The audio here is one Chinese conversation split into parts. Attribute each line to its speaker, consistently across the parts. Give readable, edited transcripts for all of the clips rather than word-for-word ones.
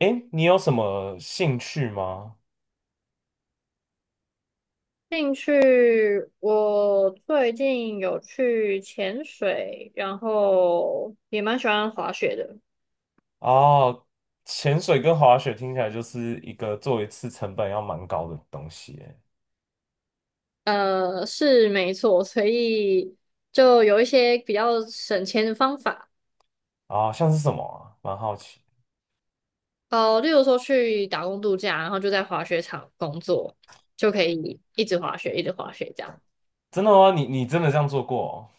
Speaker 1: 诶，你有什么兴趣吗？
Speaker 2: 兴趣，我最近有去潜水，然后也蛮喜欢滑雪的。
Speaker 1: 哦，潜水跟滑雪听起来就是一个做一次成本要蛮高的东西耶。
Speaker 2: 是没错，所以就有一些比较省钱的方法。
Speaker 1: 啊、像是什么啊？蛮好奇。
Speaker 2: 例如说去打工度假，然后就在滑雪场工作，就可以一直滑雪，一直滑雪这样。
Speaker 1: 真的吗？你真的这样做过哦？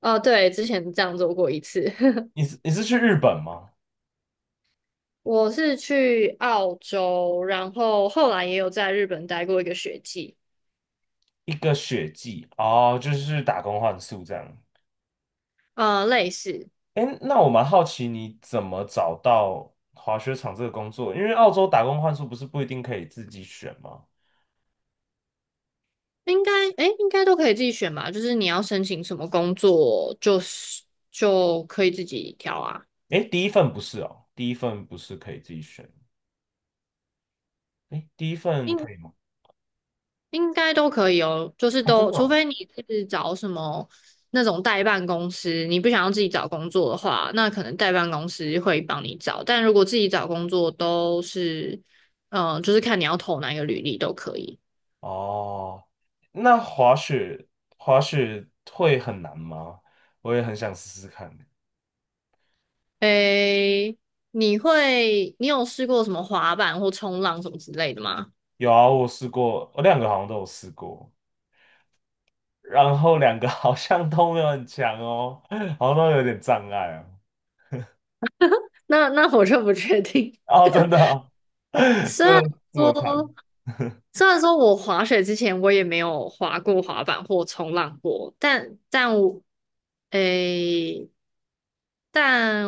Speaker 2: 对，之前这样做过一次。
Speaker 1: 你是去日本吗？
Speaker 2: 我是去澳洲，然后后来也有在日本待过一个学季。
Speaker 1: 一个雪季哦，就是打工换宿这样。
Speaker 2: 类似。
Speaker 1: 哎，那我蛮好奇你怎么找到滑雪场这个工作？因为澳洲打工换宿不是不一定可以自己选吗？
Speaker 2: 应该，哎，应该都可以自己选吧。就是你要申请什么工作，就是就可以自己挑啊。
Speaker 1: 哎，第一份不是哦，第一份不是可以自己选。哎，第一份
Speaker 2: 应
Speaker 1: 可以吗？
Speaker 2: 应该都可以哦，就是
Speaker 1: 啊，真
Speaker 2: 都，
Speaker 1: 的
Speaker 2: 除
Speaker 1: 哦，
Speaker 2: 非你是找什么那种代办公司，你不想要自己找工作的话，那可能代办公司会帮你找。但如果自己找工作，都是，就是看你要投哪一个履历都可以。
Speaker 1: 哦，那滑雪会很难吗？我也很想试试看。
Speaker 2: 诶，你有试过什么滑板或冲浪什么之类的吗？
Speaker 1: 有啊，我试过，我两个好像都有试过，然后两个 好像都没有很强哦，好像都有点障碍哦。
Speaker 2: 那我就不确定，
Speaker 1: 哦，真的啊，
Speaker 2: 虽
Speaker 1: 真
Speaker 2: 然
Speaker 1: 的这么
Speaker 2: 说，
Speaker 1: 惨
Speaker 2: 虽然说我滑雪之前我也没有滑过滑板或冲浪过，但我，诶，但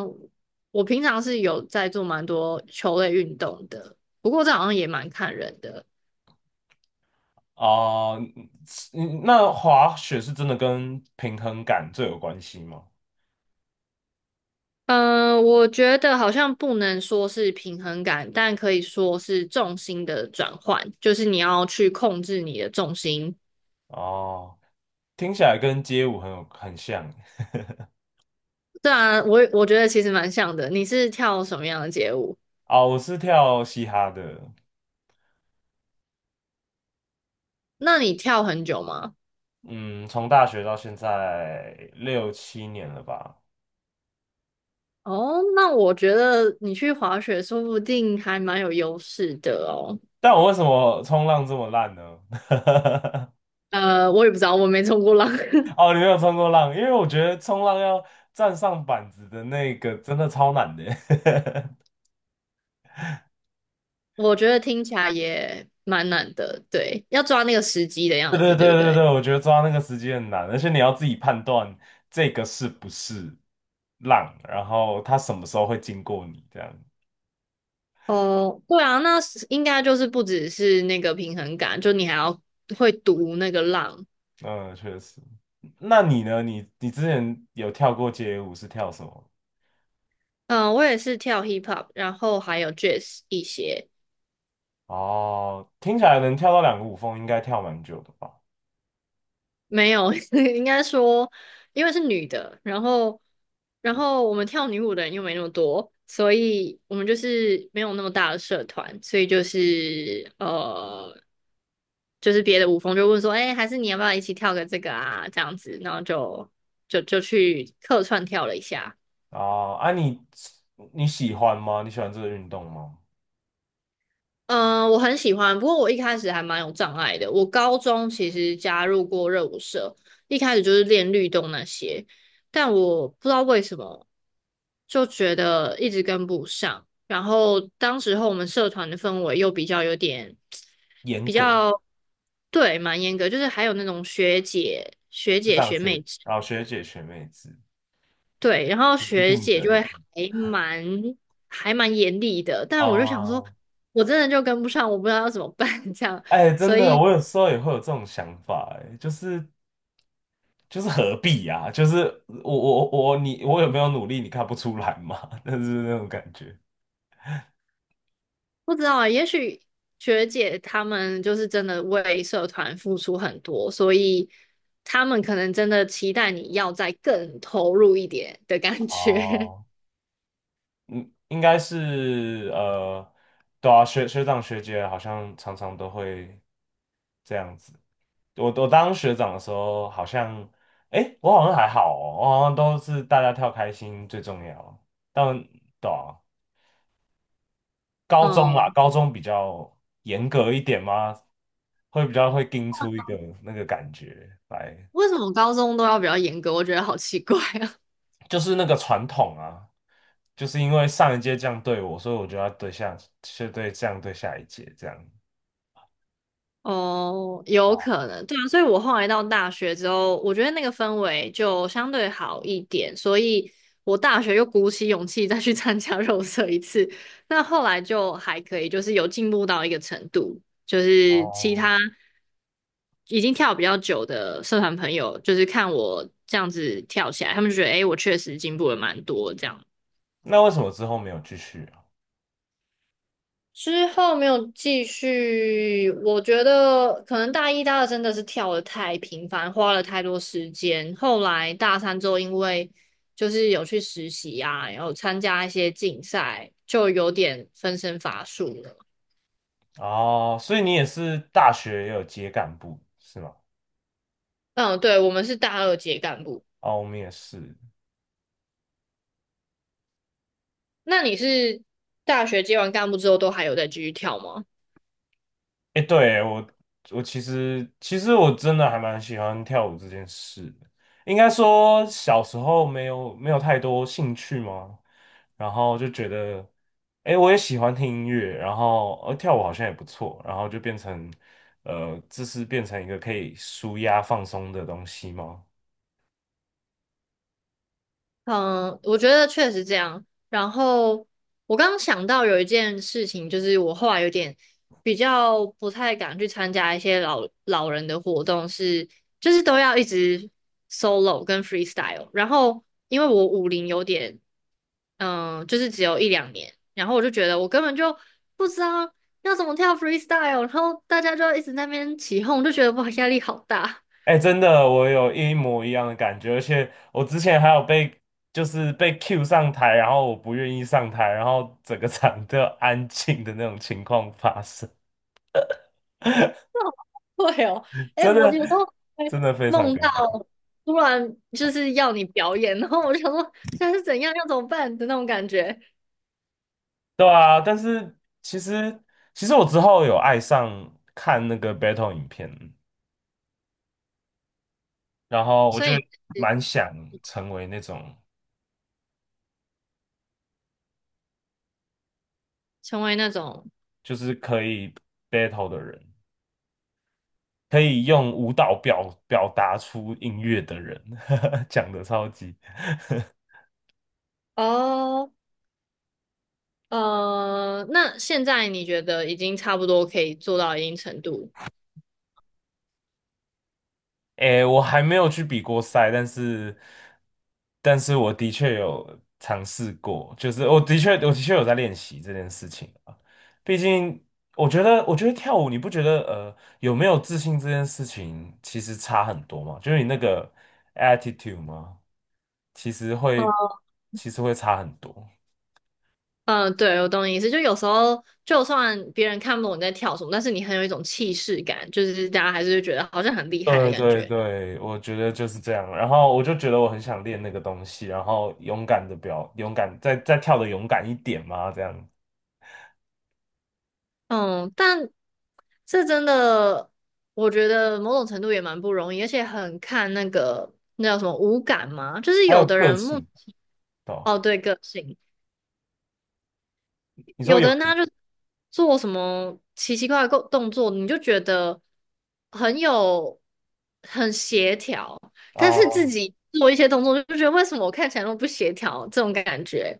Speaker 2: 我平常是有在做蛮多球类运动的，不过这好像也蛮看人的。
Speaker 1: 哦？你那滑雪是真的跟平衡感最有关系吗？
Speaker 2: 我觉得好像不能说是平衡感，但可以说是重心的转换，就是你要去控制你的重心。
Speaker 1: 哦，听起来跟街舞很像。
Speaker 2: 对啊，我觉得其实蛮像的。你是跳什么样的街舞？
Speaker 1: 啊、我是跳嘻哈的，
Speaker 2: 那你跳很久吗？
Speaker 1: 嗯，从大学到现在六七年了吧。
Speaker 2: 哦，那我觉得你去滑雪说不定还蛮有优势的哦。
Speaker 1: 但我为什么冲浪这么烂呢？
Speaker 2: 我也不知道，我没冲过浪。
Speaker 1: 哦，你没有冲过浪，因为我觉得冲浪要站上板子的那个真的超难的。
Speaker 2: 我觉得听起来也蛮难的。对，要抓那个时机的
Speaker 1: 对
Speaker 2: 样
Speaker 1: 对
Speaker 2: 子，对不
Speaker 1: 对对
Speaker 2: 对？
Speaker 1: 对，我觉得抓那个时机很难，而且你要自己判断这个是不是浪，然后它什么时候会经过你这样。
Speaker 2: 哦，对啊，那是应该就是不只是那个平衡感，就你还要会读那个浪。
Speaker 1: 嗯，确实。那你呢？你之前有跳过街舞是跳什么？
Speaker 2: 嗯、我也是跳 hip hop，然后还有 jazz 一些。
Speaker 1: 哦，听起来能跳到两个舞风，应该跳蛮久的吧？
Speaker 2: 没有，应该说，因为是女的，然后，然后我们跳女舞的人又没那么多，所以我们就是没有那么大的社团，所以就是就是别的舞风就问说，哎、还是你要不要一起跳个这个啊？这样子，然后就去客串跳了一下。
Speaker 1: 哦，你喜欢吗？你喜欢这个运动吗？
Speaker 2: 嗯，我很喜欢，不过我一开始还蛮有障碍的。我高中其实加入过热舞社，一开始就是练律动那些，但我不知道为什么就觉得一直跟不上。然后当时候我们社团的氛围又比较有点
Speaker 1: 严
Speaker 2: 比
Speaker 1: 格
Speaker 2: 较对，蛮严格，就是还有那种学
Speaker 1: 这
Speaker 2: 姐、
Speaker 1: 样
Speaker 2: 学
Speaker 1: 学，
Speaker 2: 妹制
Speaker 1: 啊，学姐学妹子
Speaker 2: 对，然后
Speaker 1: 一
Speaker 2: 学
Speaker 1: 定
Speaker 2: 姐就会
Speaker 1: 得
Speaker 2: 还蛮严厉的，但我就想说，
Speaker 1: 哦，
Speaker 2: 我真的就跟不上，我不知道要怎么办 这样，
Speaker 1: 哎，真
Speaker 2: 所
Speaker 1: 的，
Speaker 2: 以
Speaker 1: 我有时候也会有这种想法，哎，就是何必呀、就是我有没有努力，你看不出来嘛？但是那种感觉。
Speaker 2: 不知道啊，也许学姐她们就是真的为社团付出很多，所以他们可能真的期待你要再更投入一点的感觉。
Speaker 1: 哦，应该是，对啊，学长学姐好像常常都会这样子。我当学长的时候，好像，诶，我好像还好哦，我好像都是大家跳开心最重要。但对啊，高中啦，
Speaker 2: 嗯，
Speaker 1: 高中比较严格一点嘛，会比较会盯出一个那个感觉来，
Speaker 2: 为什么高中都要比较严格？我觉得好奇怪啊。
Speaker 1: 就是那个传统啊，就是因为上一届这样对我，所以我就要对下，是对这样对下一届这样。
Speaker 2: 哦，有可能，对啊，所以我后来到大学之后，我觉得那个氛围就相对好一点，所以我大学又鼓起勇气再去参加 肉色一次，那后来就还可以，就是有进步到一个程度，就是其
Speaker 1: 哦，
Speaker 2: 他已经跳比较久的社团朋友，就是看我这样子跳起来，他们就觉得诶，我确实进步了蛮多这样。
Speaker 1: 那为什么之后没有继续啊？
Speaker 2: 之后没有继续，我觉得可能大一、大二真的是跳的太频繁，花了太多时间。后来大三之后，因为就是有去实习啊，然后参加一些竞赛，就有点分身乏术了。
Speaker 1: 哦，所以你也是大学也有接干部是吗？
Speaker 2: 嗯，对，我们是大二接干部。
Speaker 1: 哦，我们也是。
Speaker 2: 那你是大学接完干部之后，都还有在继续跳吗？
Speaker 1: 哎，对，我其实我真的还蛮喜欢跳舞这件事的，应该说小时候没有太多兴趣吗？然后就觉得，哎，我也喜欢听音乐，然后跳舞好像也不错，然后就变成这是变成一个可以舒压放松的东西吗？
Speaker 2: 嗯，我觉得确实这样。然后我刚刚想到有一件事情，就是我后来有点比较不太敢去参加一些老老人的活动是，就是都要一直 solo 跟 freestyle。然后因为我舞龄有点，嗯，就是只有一两年，然后我就觉得我根本就不知道要怎么跳 freestyle,然后大家就一直在那边起哄，就觉得哇压力好大。
Speaker 1: 哎，真的，我有一模一样的感觉，而且我之前还有被Q 上台，然后我不愿意上台，然后整个场都要安静的那种情况发生，
Speaker 2: 会哦，哎、
Speaker 1: 真
Speaker 2: 我
Speaker 1: 的
Speaker 2: 有时候会
Speaker 1: 真的非常
Speaker 2: 梦到
Speaker 1: 尴尬。
Speaker 2: 突然就是要你表演，然后我就想说现在是怎样，要怎么办的那种感觉。
Speaker 1: 对啊，但是其实其实我之后有爱上看那个 battle 影片，然后我
Speaker 2: 所
Speaker 1: 就
Speaker 2: 以是
Speaker 1: 蛮想成为那种
Speaker 2: 成为那种
Speaker 1: 就是可以 battle 的人。可以用舞蹈表达出音乐的人，讲的超级。
Speaker 2: 哦。那现在你觉得已经差不多可以做到一定程度？
Speaker 1: 诶，我还没有去比过赛，但是我的确有尝试过，就是我的确有在练习这件事情啊。毕竟，我觉得跳舞，你不觉得有没有自信这件事情其实差很多嘛？就是你那个 attitude 吗？其实会，其实会差很多。
Speaker 2: 对，我懂你意思。就有时候，就算别人看不懂你在跳什么，但是你很有一种气势感，就是大家还是会觉得好像很厉害的
Speaker 1: 对
Speaker 2: 感
Speaker 1: 对
Speaker 2: 觉。
Speaker 1: 对，我觉得就是这样。然后我就觉得我很想练那个东西，然后勇敢，再跳的勇敢一点嘛，这样。
Speaker 2: 嗯，但这真的，我觉得某种程度也蛮不容易，而且很看那个那叫什么五感嘛，就是
Speaker 1: 还
Speaker 2: 有
Speaker 1: 有
Speaker 2: 的
Speaker 1: 个
Speaker 2: 人目
Speaker 1: 性，对吧
Speaker 2: 哦对个性，
Speaker 1: 你说
Speaker 2: 有的
Speaker 1: 有
Speaker 2: 人他就做什么奇奇怪怪的动作，你就觉得很有很协调，但是自
Speaker 1: 啊？
Speaker 2: 己做一些动作就觉得为什么我看起来那么不协调这种感觉，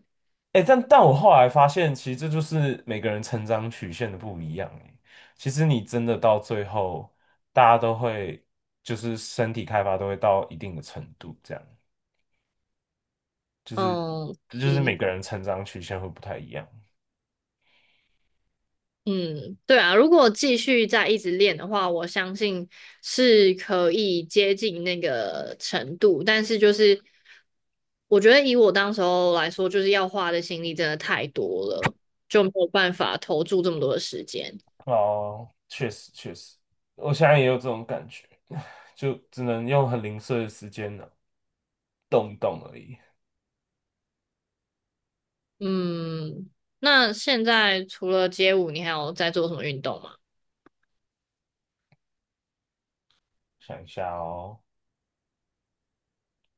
Speaker 1: 哎、但我后来发现，其实这就是每个人成长曲线的不一样、欸。其实你真的到最后，大家都会就是身体开发都会到一定的程度，这样就是
Speaker 2: 嗯。
Speaker 1: 这就是每个人成长曲线会不太一样。
Speaker 2: 嗯，对啊，如果继续再一直练的话，我相信是可以接近那个程度。但是就是，我觉得以我当时候来说，就是要花的心力真的太多了，就没有办法投注这么多的时间。
Speaker 1: 哦，确实确实，我现在也有这种感觉，就只能用很零碎的时间呢，动一动而已。
Speaker 2: 嗯，那现在除了街舞，你还有在做什么运动吗？
Speaker 1: 想一下哦，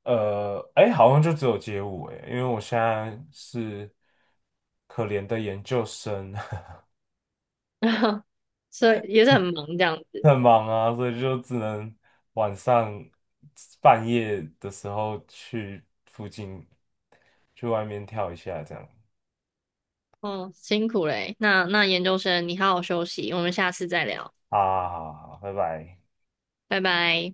Speaker 1: 哎，好像就只有街舞哎，因为我现在是可怜的研究生，
Speaker 2: 所以也是很忙这样 子。
Speaker 1: 很忙啊，所以就只能晚上半夜的时候去附近去外面跳一下这样。
Speaker 2: 哦，辛苦嘞。那研究生，你好好休息，我们下次再聊，
Speaker 1: 好好好，好拜拜。
Speaker 2: 拜拜。